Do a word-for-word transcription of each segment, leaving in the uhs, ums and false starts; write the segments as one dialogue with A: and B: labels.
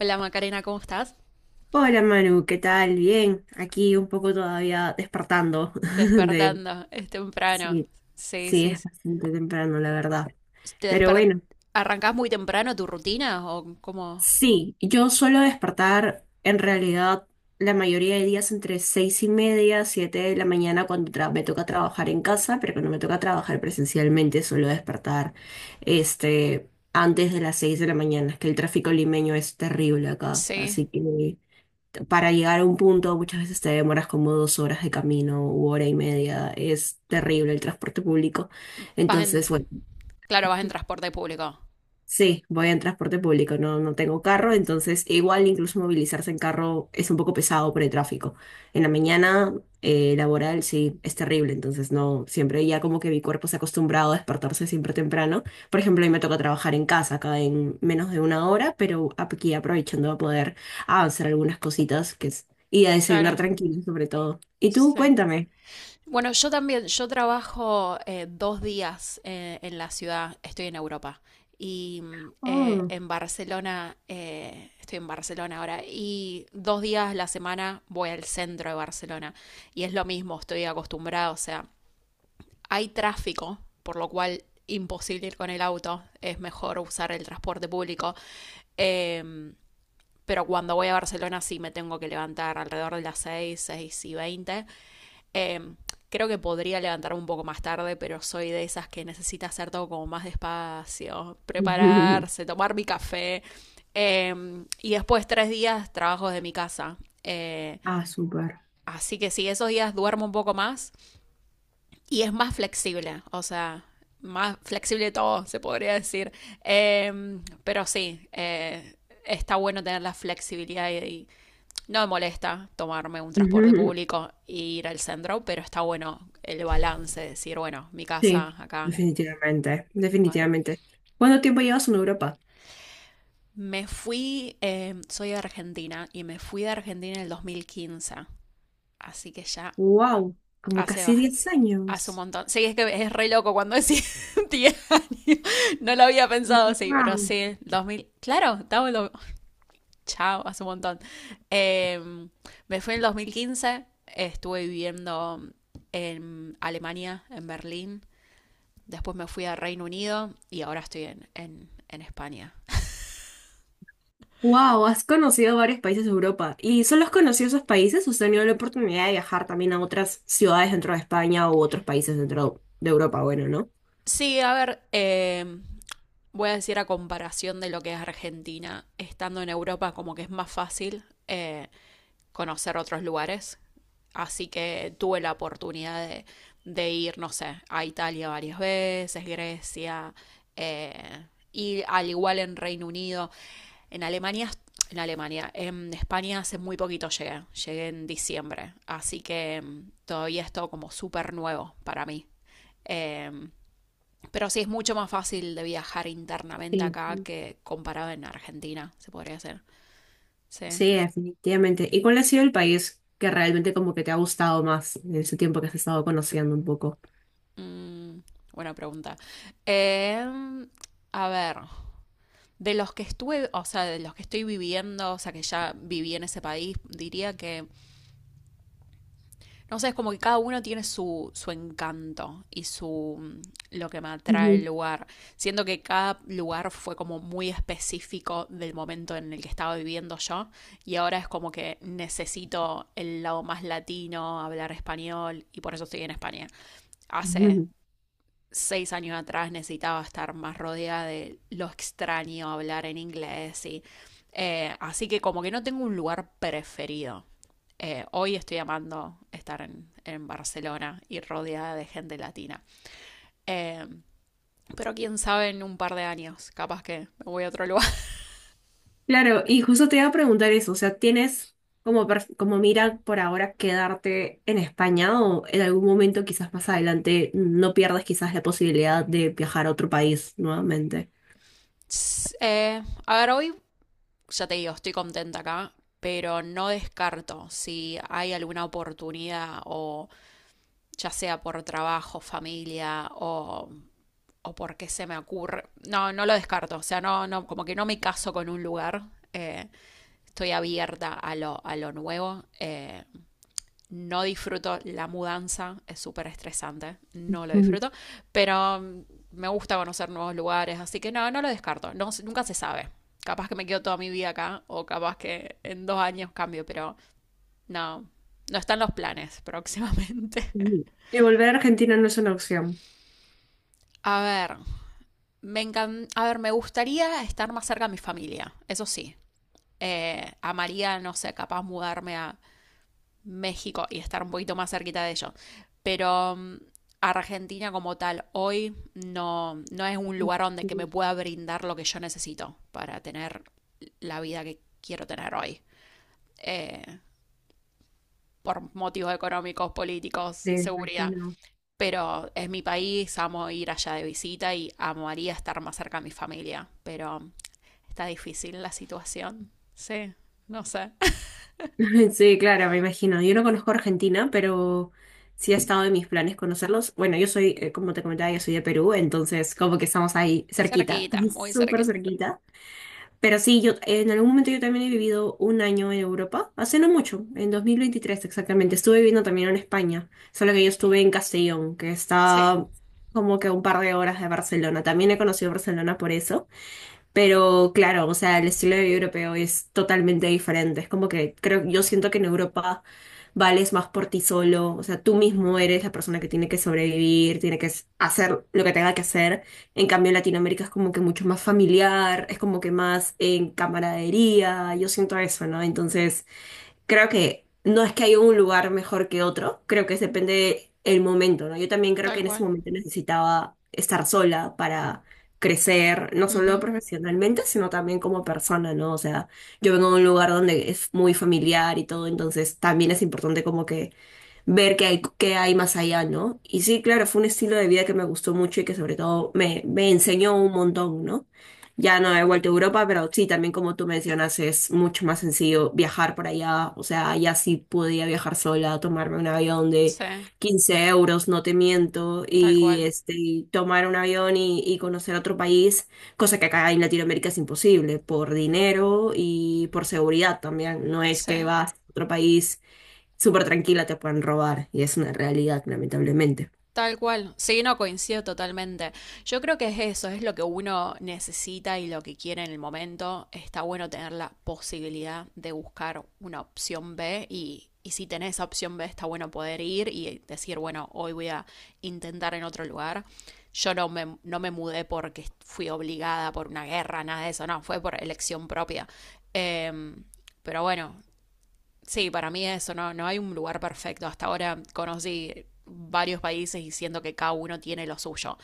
A: Hola Macarena, ¿cómo estás?
B: Hola Manu, ¿qué tal? Bien, aquí un poco todavía despertando de...
A: Despertando, es temprano.
B: Sí,
A: Sí,
B: sí,
A: sí,
B: es
A: sí.
B: bastante temprano, la verdad.
A: ¿Te
B: Pero
A: desper...
B: bueno,
A: ¿Arrancás muy temprano tu rutina o cómo?
B: sí, yo suelo despertar en realidad la mayoría de días entre seis y media, siete de la mañana cuando tra- me toca trabajar en casa, pero cuando me toca trabajar presencialmente suelo despertar este, antes de las seis de la mañana, es que el tráfico limeño es terrible acá,
A: Sí.
B: así que... para llegar a un punto muchas veces te demoras como dos horas de camino u hora y media. Es terrible el transporte público.
A: Vas en...
B: Entonces, bueno.
A: Claro, vas en transporte público.
B: Sí, voy en transporte público, no, no tengo carro, entonces igual incluso movilizarse en carro es un poco pesado por el tráfico. En la mañana eh, laboral sí es terrible, entonces no, siempre ya como que mi cuerpo se ha acostumbrado a despertarse siempre temprano. Por ejemplo, a mí me toca trabajar en casa acá en menos de una hora, pero aquí aprovechando a poder avanzar algunas cositas que es, y a desayunar
A: Claro,
B: tranquilo sobre todo. Y tú,
A: sí.
B: cuéntame.
A: Bueno, yo también, yo trabajo eh, dos días eh, en la ciudad, estoy en Europa y mm, eh,
B: Oh.
A: en Barcelona, eh, estoy en Barcelona ahora, y dos días a la semana voy al centro de Barcelona, y es lo mismo, estoy acostumbrada, o sea, hay tráfico, por lo cual imposible ir con el auto, es mejor usar el transporte público. Eh, pero cuando voy a Barcelona sí me tengo que levantar alrededor de las seis, seis y veinte. Eh, creo que podría levantarme un poco más tarde, pero soy de esas que necesita hacer todo como más despacio, prepararse, tomar mi café. Eh, y después tres días trabajo de mi casa. Eh,
B: Ah, súper.
A: así que sí, esos días duermo un poco más y es más flexible, o sea, más flexible todo, se podría decir. Eh, pero sí, eh, está bueno tener la flexibilidad y, y no me molesta tomarme un transporte público e ir al centro, pero está bueno el balance, decir, bueno, mi
B: Sí,
A: casa acá.
B: definitivamente,
A: Mal.
B: definitivamente. ¿Cuánto tiempo llevas en Europa?
A: Me fui, eh, soy de Argentina y me fui de Argentina en el dos mil quince, así que ya
B: Wow, como
A: hace
B: casi
A: bastante.
B: diez
A: Hace un
B: años.
A: montón. Sí, es que es re loco cuando decís 10 años. No lo había pensado así, pero
B: Wow.
A: sí, dos mil... Claro, estaba en... lo- Chao, hace un montón. Eh, me fui en el dos mil quince. Estuve viviendo en Alemania, en Berlín. Después me fui a Reino Unido y ahora estoy en, en- en España.
B: Wow, has conocido varios países de Europa. ¿Y solo has conocido esos países o has tenido la oportunidad de viajar también a otras ciudades dentro de España u otros países dentro de Europa? Bueno, ¿no?
A: Sí, a ver, eh, voy a decir a comparación de lo que es Argentina, estando en Europa como que es más fácil, eh, conocer otros lugares. Así que tuve la oportunidad de, de ir, no sé, a Italia varias veces, Grecia, eh, y al igual en Reino Unido, en Alemania, en Alemania, en España hace muy poquito llegué, llegué en diciembre, así que mm, todavía es todo como súper nuevo para mí. Eh, pero sí es mucho más fácil de viajar internamente
B: Sí.
A: acá que comparado en Argentina, se podría hacer. Sí.
B: Sí, definitivamente. ¿Y cuál ha sido el país que realmente como que te ha gustado más en ese tiempo que has estado conociendo un poco?
A: Mm, Buena pregunta. Eh, a ver. De los que estuve, o sea, de los que estoy viviendo, o sea, que ya viví en ese país, diría que, no sé, es como que cada uno tiene su, su encanto y su mm, lo que me atrae el
B: Ujú,
A: lugar. Siento que cada lugar fue como muy específico del momento en el que estaba viviendo yo y ahora es como que necesito el lado más latino, hablar español y por eso estoy en España. Hace
B: ujú.
A: seis años atrás necesitaba estar más rodeada de lo extraño, hablar en inglés y... Eh, así que como que no tengo un lugar preferido. Eh, hoy estoy amando estar en, en, Barcelona y rodeada de gente latina. Eh, pero quién sabe en un par de años, capaz que me voy a otro lugar.
B: Claro, y justo te iba a preguntar eso, o sea, ¿tienes como, per- como mira por ahora quedarte en España o en algún momento quizás más adelante no pierdas quizás la posibilidad de viajar a otro país nuevamente?
A: Eh, a ver, hoy ya te digo, estoy contenta acá, pero no descarto si hay alguna oportunidad o ya sea por trabajo, familia o o porque se me ocurre. No, no lo descarto. O sea, no, no, como que no me caso con un lugar. Eh, estoy abierta a lo, a lo nuevo. Eh, no disfruto la mudanza, es súper estresante, no lo
B: Ujú,
A: disfruto, pero mm, me gusta conocer nuevos lugares, así que no, no lo descarto, no, nunca se sabe. Capaz que me quedo toda mi vida acá o capaz que en dos años cambio, pero no, no están los planes próximamente.
B: ujú, y volver a Argentina no es una opción.
A: A ver, me encan... a ver, me gustaría estar más cerca de mi familia, eso sí, eh, amaría, no sé, capaz mudarme a México y estar un poquito más cerquita de ellos. Pero mm, Argentina como tal hoy no, no es un lugar donde que me
B: Ujú.
A: pueda brindar lo que yo necesito para tener la vida que quiero tener hoy. Eh, por motivos económicos, políticos,
B: Sí, me
A: seguridad.
B: imagino.
A: Pero es mi país, amo ir allá de visita y amaría estar más cerca de mi familia. Pero está difícil la situación. Sí, no sé.
B: Sí, claro, me imagino. Yo no conozco Argentina, pero sí ha estado en mis planes conocerlos. Bueno, yo soy, eh, como te comentaba, yo soy de Perú, entonces como que estamos ahí cerquita,
A: Cerquita, muy
B: súper
A: cerquita.
B: cerquita. Pero sí, yo en algún momento yo también he vivido un año en Europa, hace no mucho, en dos mil veintitrés exactamente. Estuve viviendo también en España, solo que yo estuve en Castellón, que
A: Sí,
B: está como que a un par de horas de Barcelona. También he conocido Barcelona por eso. Pero claro, o sea, el estilo de vida europeo es totalmente diferente. Es como que creo, yo siento que en Europa vales más por ti solo. O sea, tú mismo eres la persona que tiene que sobrevivir, tiene que s- hacer lo que tenga que hacer. En cambio, en Latinoamérica es como que mucho más familiar, es como que más en camaradería. Yo siento eso, ¿no? Entonces. Creo que no es que haya un lugar mejor que otro, creo que depende el momento, ¿no? Yo también creo que
A: tal
B: en ese
A: cual.
B: momento necesitaba estar sola para crecer, no solo
A: Ujú.
B: profesionalmente, sino también como persona, ¿no? O sea, yo vengo de un lugar donde es muy familiar y todo, entonces también es importante como que ver qué hay, qué hay más allá, ¿no? Y sí, claro, fue un estilo de vida que me gustó mucho y que sobre todo me, me enseñó un montón, ¿no? Ya no he vuelto a Europa, pero sí, también como tú mencionas, es mucho más sencillo viajar por allá. O sea, allá sí podía viajar sola, tomarme un avión de
A: Sí,
B: quince euros, no te miento,
A: tal
B: y
A: cual.
B: este, y tomar un avión y, y conocer otro país, cosa que acá en Latinoamérica es imposible, por dinero y por seguridad también. No es
A: Sí,
B: que vas a otro país súper tranquila te pueden robar y es una realidad, lamentablemente.
A: tal cual. Sí, no coincido totalmente. Yo creo que es eso, es lo que uno necesita y lo que quiere en el momento. Está bueno tener la posibilidad de buscar una opción B y, y si tenés esa opción B está bueno poder ir y decir, bueno, hoy voy a intentar en otro lugar. Yo no me, no me mudé porque fui obligada por una guerra, nada de eso, no, fue por elección propia. Em, pero bueno, sí, para mí eso, no, no hay un lugar perfecto. Hasta ahora conocí varios países y siento que cada uno tiene lo suyo.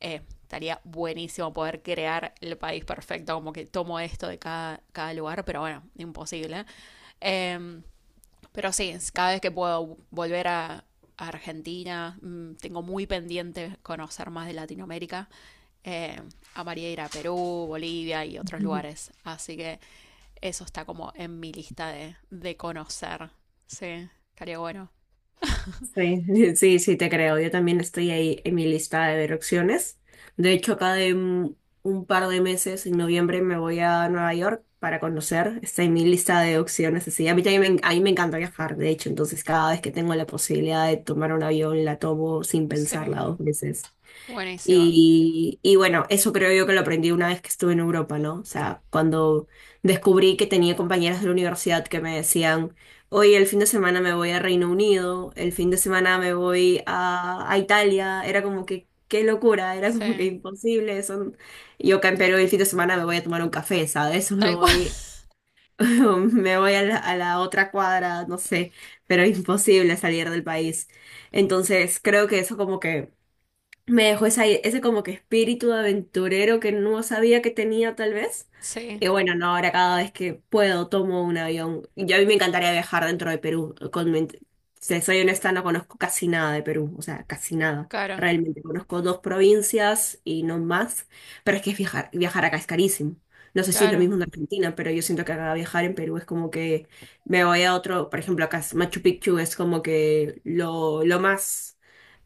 A: Eh, estaría buenísimo poder crear el país perfecto, como que tomo esto de cada, cada lugar, pero bueno, imposible. Eh, pero sí, cada vez que puedo volver a, a Argentina, mm, tengo muy pendiente conocer más de Latinoamérica. Eh, amaría ir a Perú, Bolivia y otros
B: Ujú.
A: lugares. Así que eso está como en mi lista de, de conocer. Sí, estaría bueno.
B: Sí, sí, sí, te creo. Yo también estoy ahí en mi lista de ver opciones. De hecho, acá de un, un par de meses, en noviembre, me voy a Nueva York para conocer. Está en mi lista de opciones. Así, a mí también me, en- a mí me encanta viajar, de hecho. Entonces, cada vez que tengo la posibilidad de tomar un avión, la tomo sin pensarla
A: Sí,
B: dos veces.
A: buenísimo.
B: Y, y bueno, eso creo yo que lo aprendí una vez que estuve en Europa, ¿no? O sea, cuando descubrí que tenía compañeras de la universidad que me decían, oye, el fin de semana me voy a Reino Unido, el fin de semana me voy a, a Italia, era como que, qué locura, era como que
A: Sí,
B: imposible. Eso... Yo acá en Perú el fin de semana me voy a tomar un café, ¿sabes? Me
A: tal cual.
B: voy, me voy a la, a la otra cuadra, no sé, pero imposible salir del país. Entonces, creo que eso como que me dejó esa- ese como que espíritu aventurero que no sabía que tenía tal vez.
A: Sí,
B: Y bueno, no, ahora cada vez que puedo tomo un avión. Y a mí me encantaría viajar dentro de Perú. Con, mi- si soy honesta, no conozco casi nada de Perú, o sea, casi nada.
A: claro,
B: Realmente conozco dos provincias y no más, pero es que es viajar, viajar acá es carísimo. No sé si es lo
A: claro,
B: mismo en Argentina, pero yo siento que acá viajar en Perú es como que me voy a otro, por ejemplo, acá es Machu Picchu es como que lo, lo más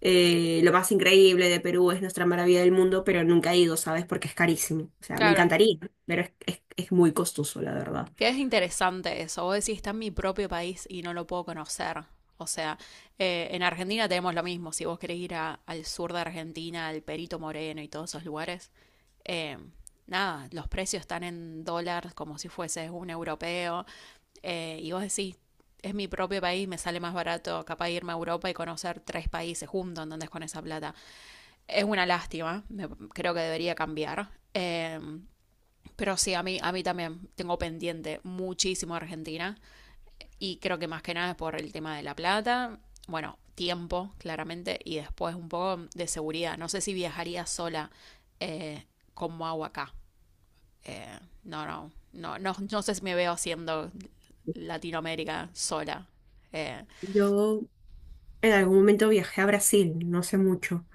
B: eh, lo más increíble de Perú es nuestra maravilla del mundo, pero nunca he ido, ¿sabes? Porque es carísimo. O sea, me
A: claro.
B: encantaría, pero es, es- es muy costoso, la verdad.
A: Que es interesante eso. Vos decís, está en mi propio país y no lo puedo conocer. O sea, eh, en Argentina tenemos lo mismo. Si vos querés ir a- al sur de Argentina, al Perito Moreno y todos esos lugares, eh, nada, los precios están en dólares como si fueses un europeo. Eh, y vos decís, es mi propio país, me sale más barato capaz irme a Europa y conocer tres países juntos, ¿entendés? Con esa plata. Es una lástima, me- creo que debería cambiar. Eh, pero sí, a mí, a mí también tengo pendiente muchísimo Argentina y creo que más que nada es por el tema de la plata, bueno, tiempo, claramente, y después un poco de seguridad. No sé si viajaría sola eh, como hago acá. Eh, no, no, no, no, no sé si me veo haciendo Latinoamérica sola. Eh,
B: Yo en algún momento viajé a Brasil, no sé mucho.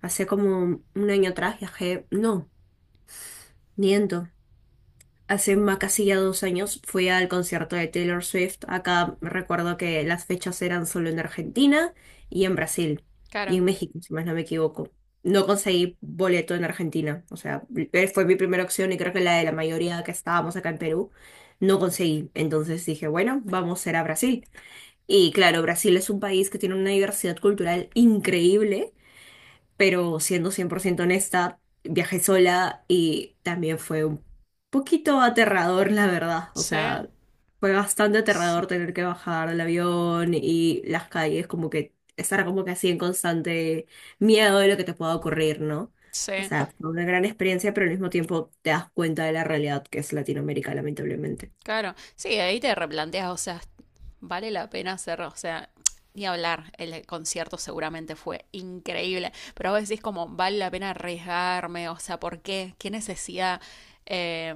B: Hace como un año atrás viajé, no, miento. Hace más casi ya dos años fui al concierto de Taylor Swift. Acá recuerdo que las fechas eran solo en Argentina y en Brasil y
A: claro,
B: en México, si más no me equivoco. No conseguí boleto en Argentina, o sea, eh, fue mi primera opción y creo que la de la mayoría que estábamos acá en Perú, no conseguí. Entonces dije, bueno, vamos a ir a Brasil. Y claro, Brasil es un país que tiene una diversidad cultural increíble pero siendo cien por ciento honesta, viajé sola y también fue un poquito aterrador, la verdad. O
A: sí,
B: sea, fue bastante
A: sí,
B: aterrador tener que bajar del avión y las calles, como que estar como que así en constante miedo de lo que te pueda ocurrir, ¿no? O
A: sí,
B: sea, fue una gran experiencia, pero al mismo tiempo te das cuenta de la realidad que es Latinoamérica, lamentablemente.
A: claro. Sí, ahí te replanteas, o sea, vale la pena hacer, o sea, ni hablar, el concierto seguramente fue increíble, pero vos decís como, vale la pena arriesgarme, o sea, ¿por qué? ¿Qué necesidad? Eh,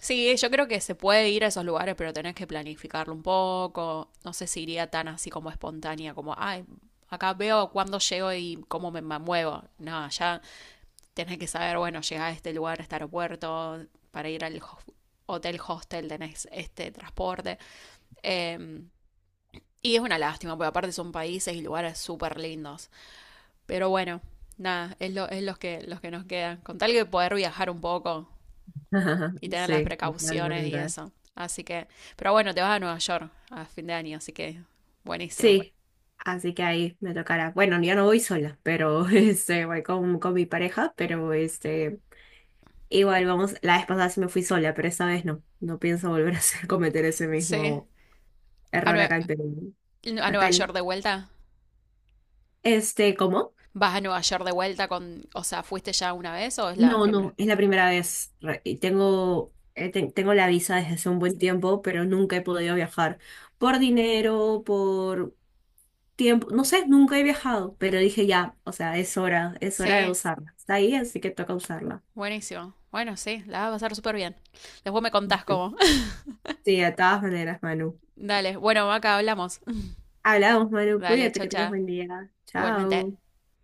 A: sí, yo creo que se puede ir a esos lugares, pero tenés que planificarlo un poco, no sé si iría tan así como espontánea, como, ay, acá veo cuándo llego y cómo me muevo, no, ya tenés que saber, bueno, llegar a este lugar, a este aeropuerto, para ir al hotel hostel tenés este transporte. Eh, y es una lástima, porque aparte son países y lugares súper lindos. Pero bueno, nada, es, lo, es los, que, los que nos quedan. Con tal que poder viajar un poco y tener las
B: Sí,
A: precauciones y
B: totalmente.
A: eso. Así que, pero bueno, te vas a Nueva York a fin de año, así que buenísimo.
B: Sí, así que ahí me tocará. Bueno, yo no voy sola, pero este, voy con, con mi pareja, pero este, igual vamos, la vez pasada sí me fui sola, pero esta vez no, no pienso volver a hacer, cometer ese
A: Sí,
B: mismo
A: a,
B: error
A: Nue-
B: acá en Perú.
A: a
B: Acá
A: Nueva
B: en-
A: York de vuelta.
B: este, ¿cómo?
A: ¿Vas a Nueva York de vuelta con, o sea, fuiste ya una vez o es la
B: No,
A: primera?
B: no, es la primera vez. Re- y Tengo, eh, ten- tengo la visa desde hace un buen tiempo, pero nunca he podido viajar por dinero, por tiempo, no sé, nunca he viajado, pero dije ya, o sea, es hora, es hora de
A: Sí.
B: usarla. Está ahí, así que toca usarla.
A: Buenísimo. Bueno, sí, la vas a pasar súper bien. Después me contás
B: Ujú.
A: cómo.
B: Sí, de todas maneras, Manu.
A: Dale, bueno, acá hablamos.
B: Hablamos, Manu,
A: Dale,
B: cuídate
A: chao,
B: que tengas
A: chao.
B: buen día.
A: Igualmente.
B: Chao.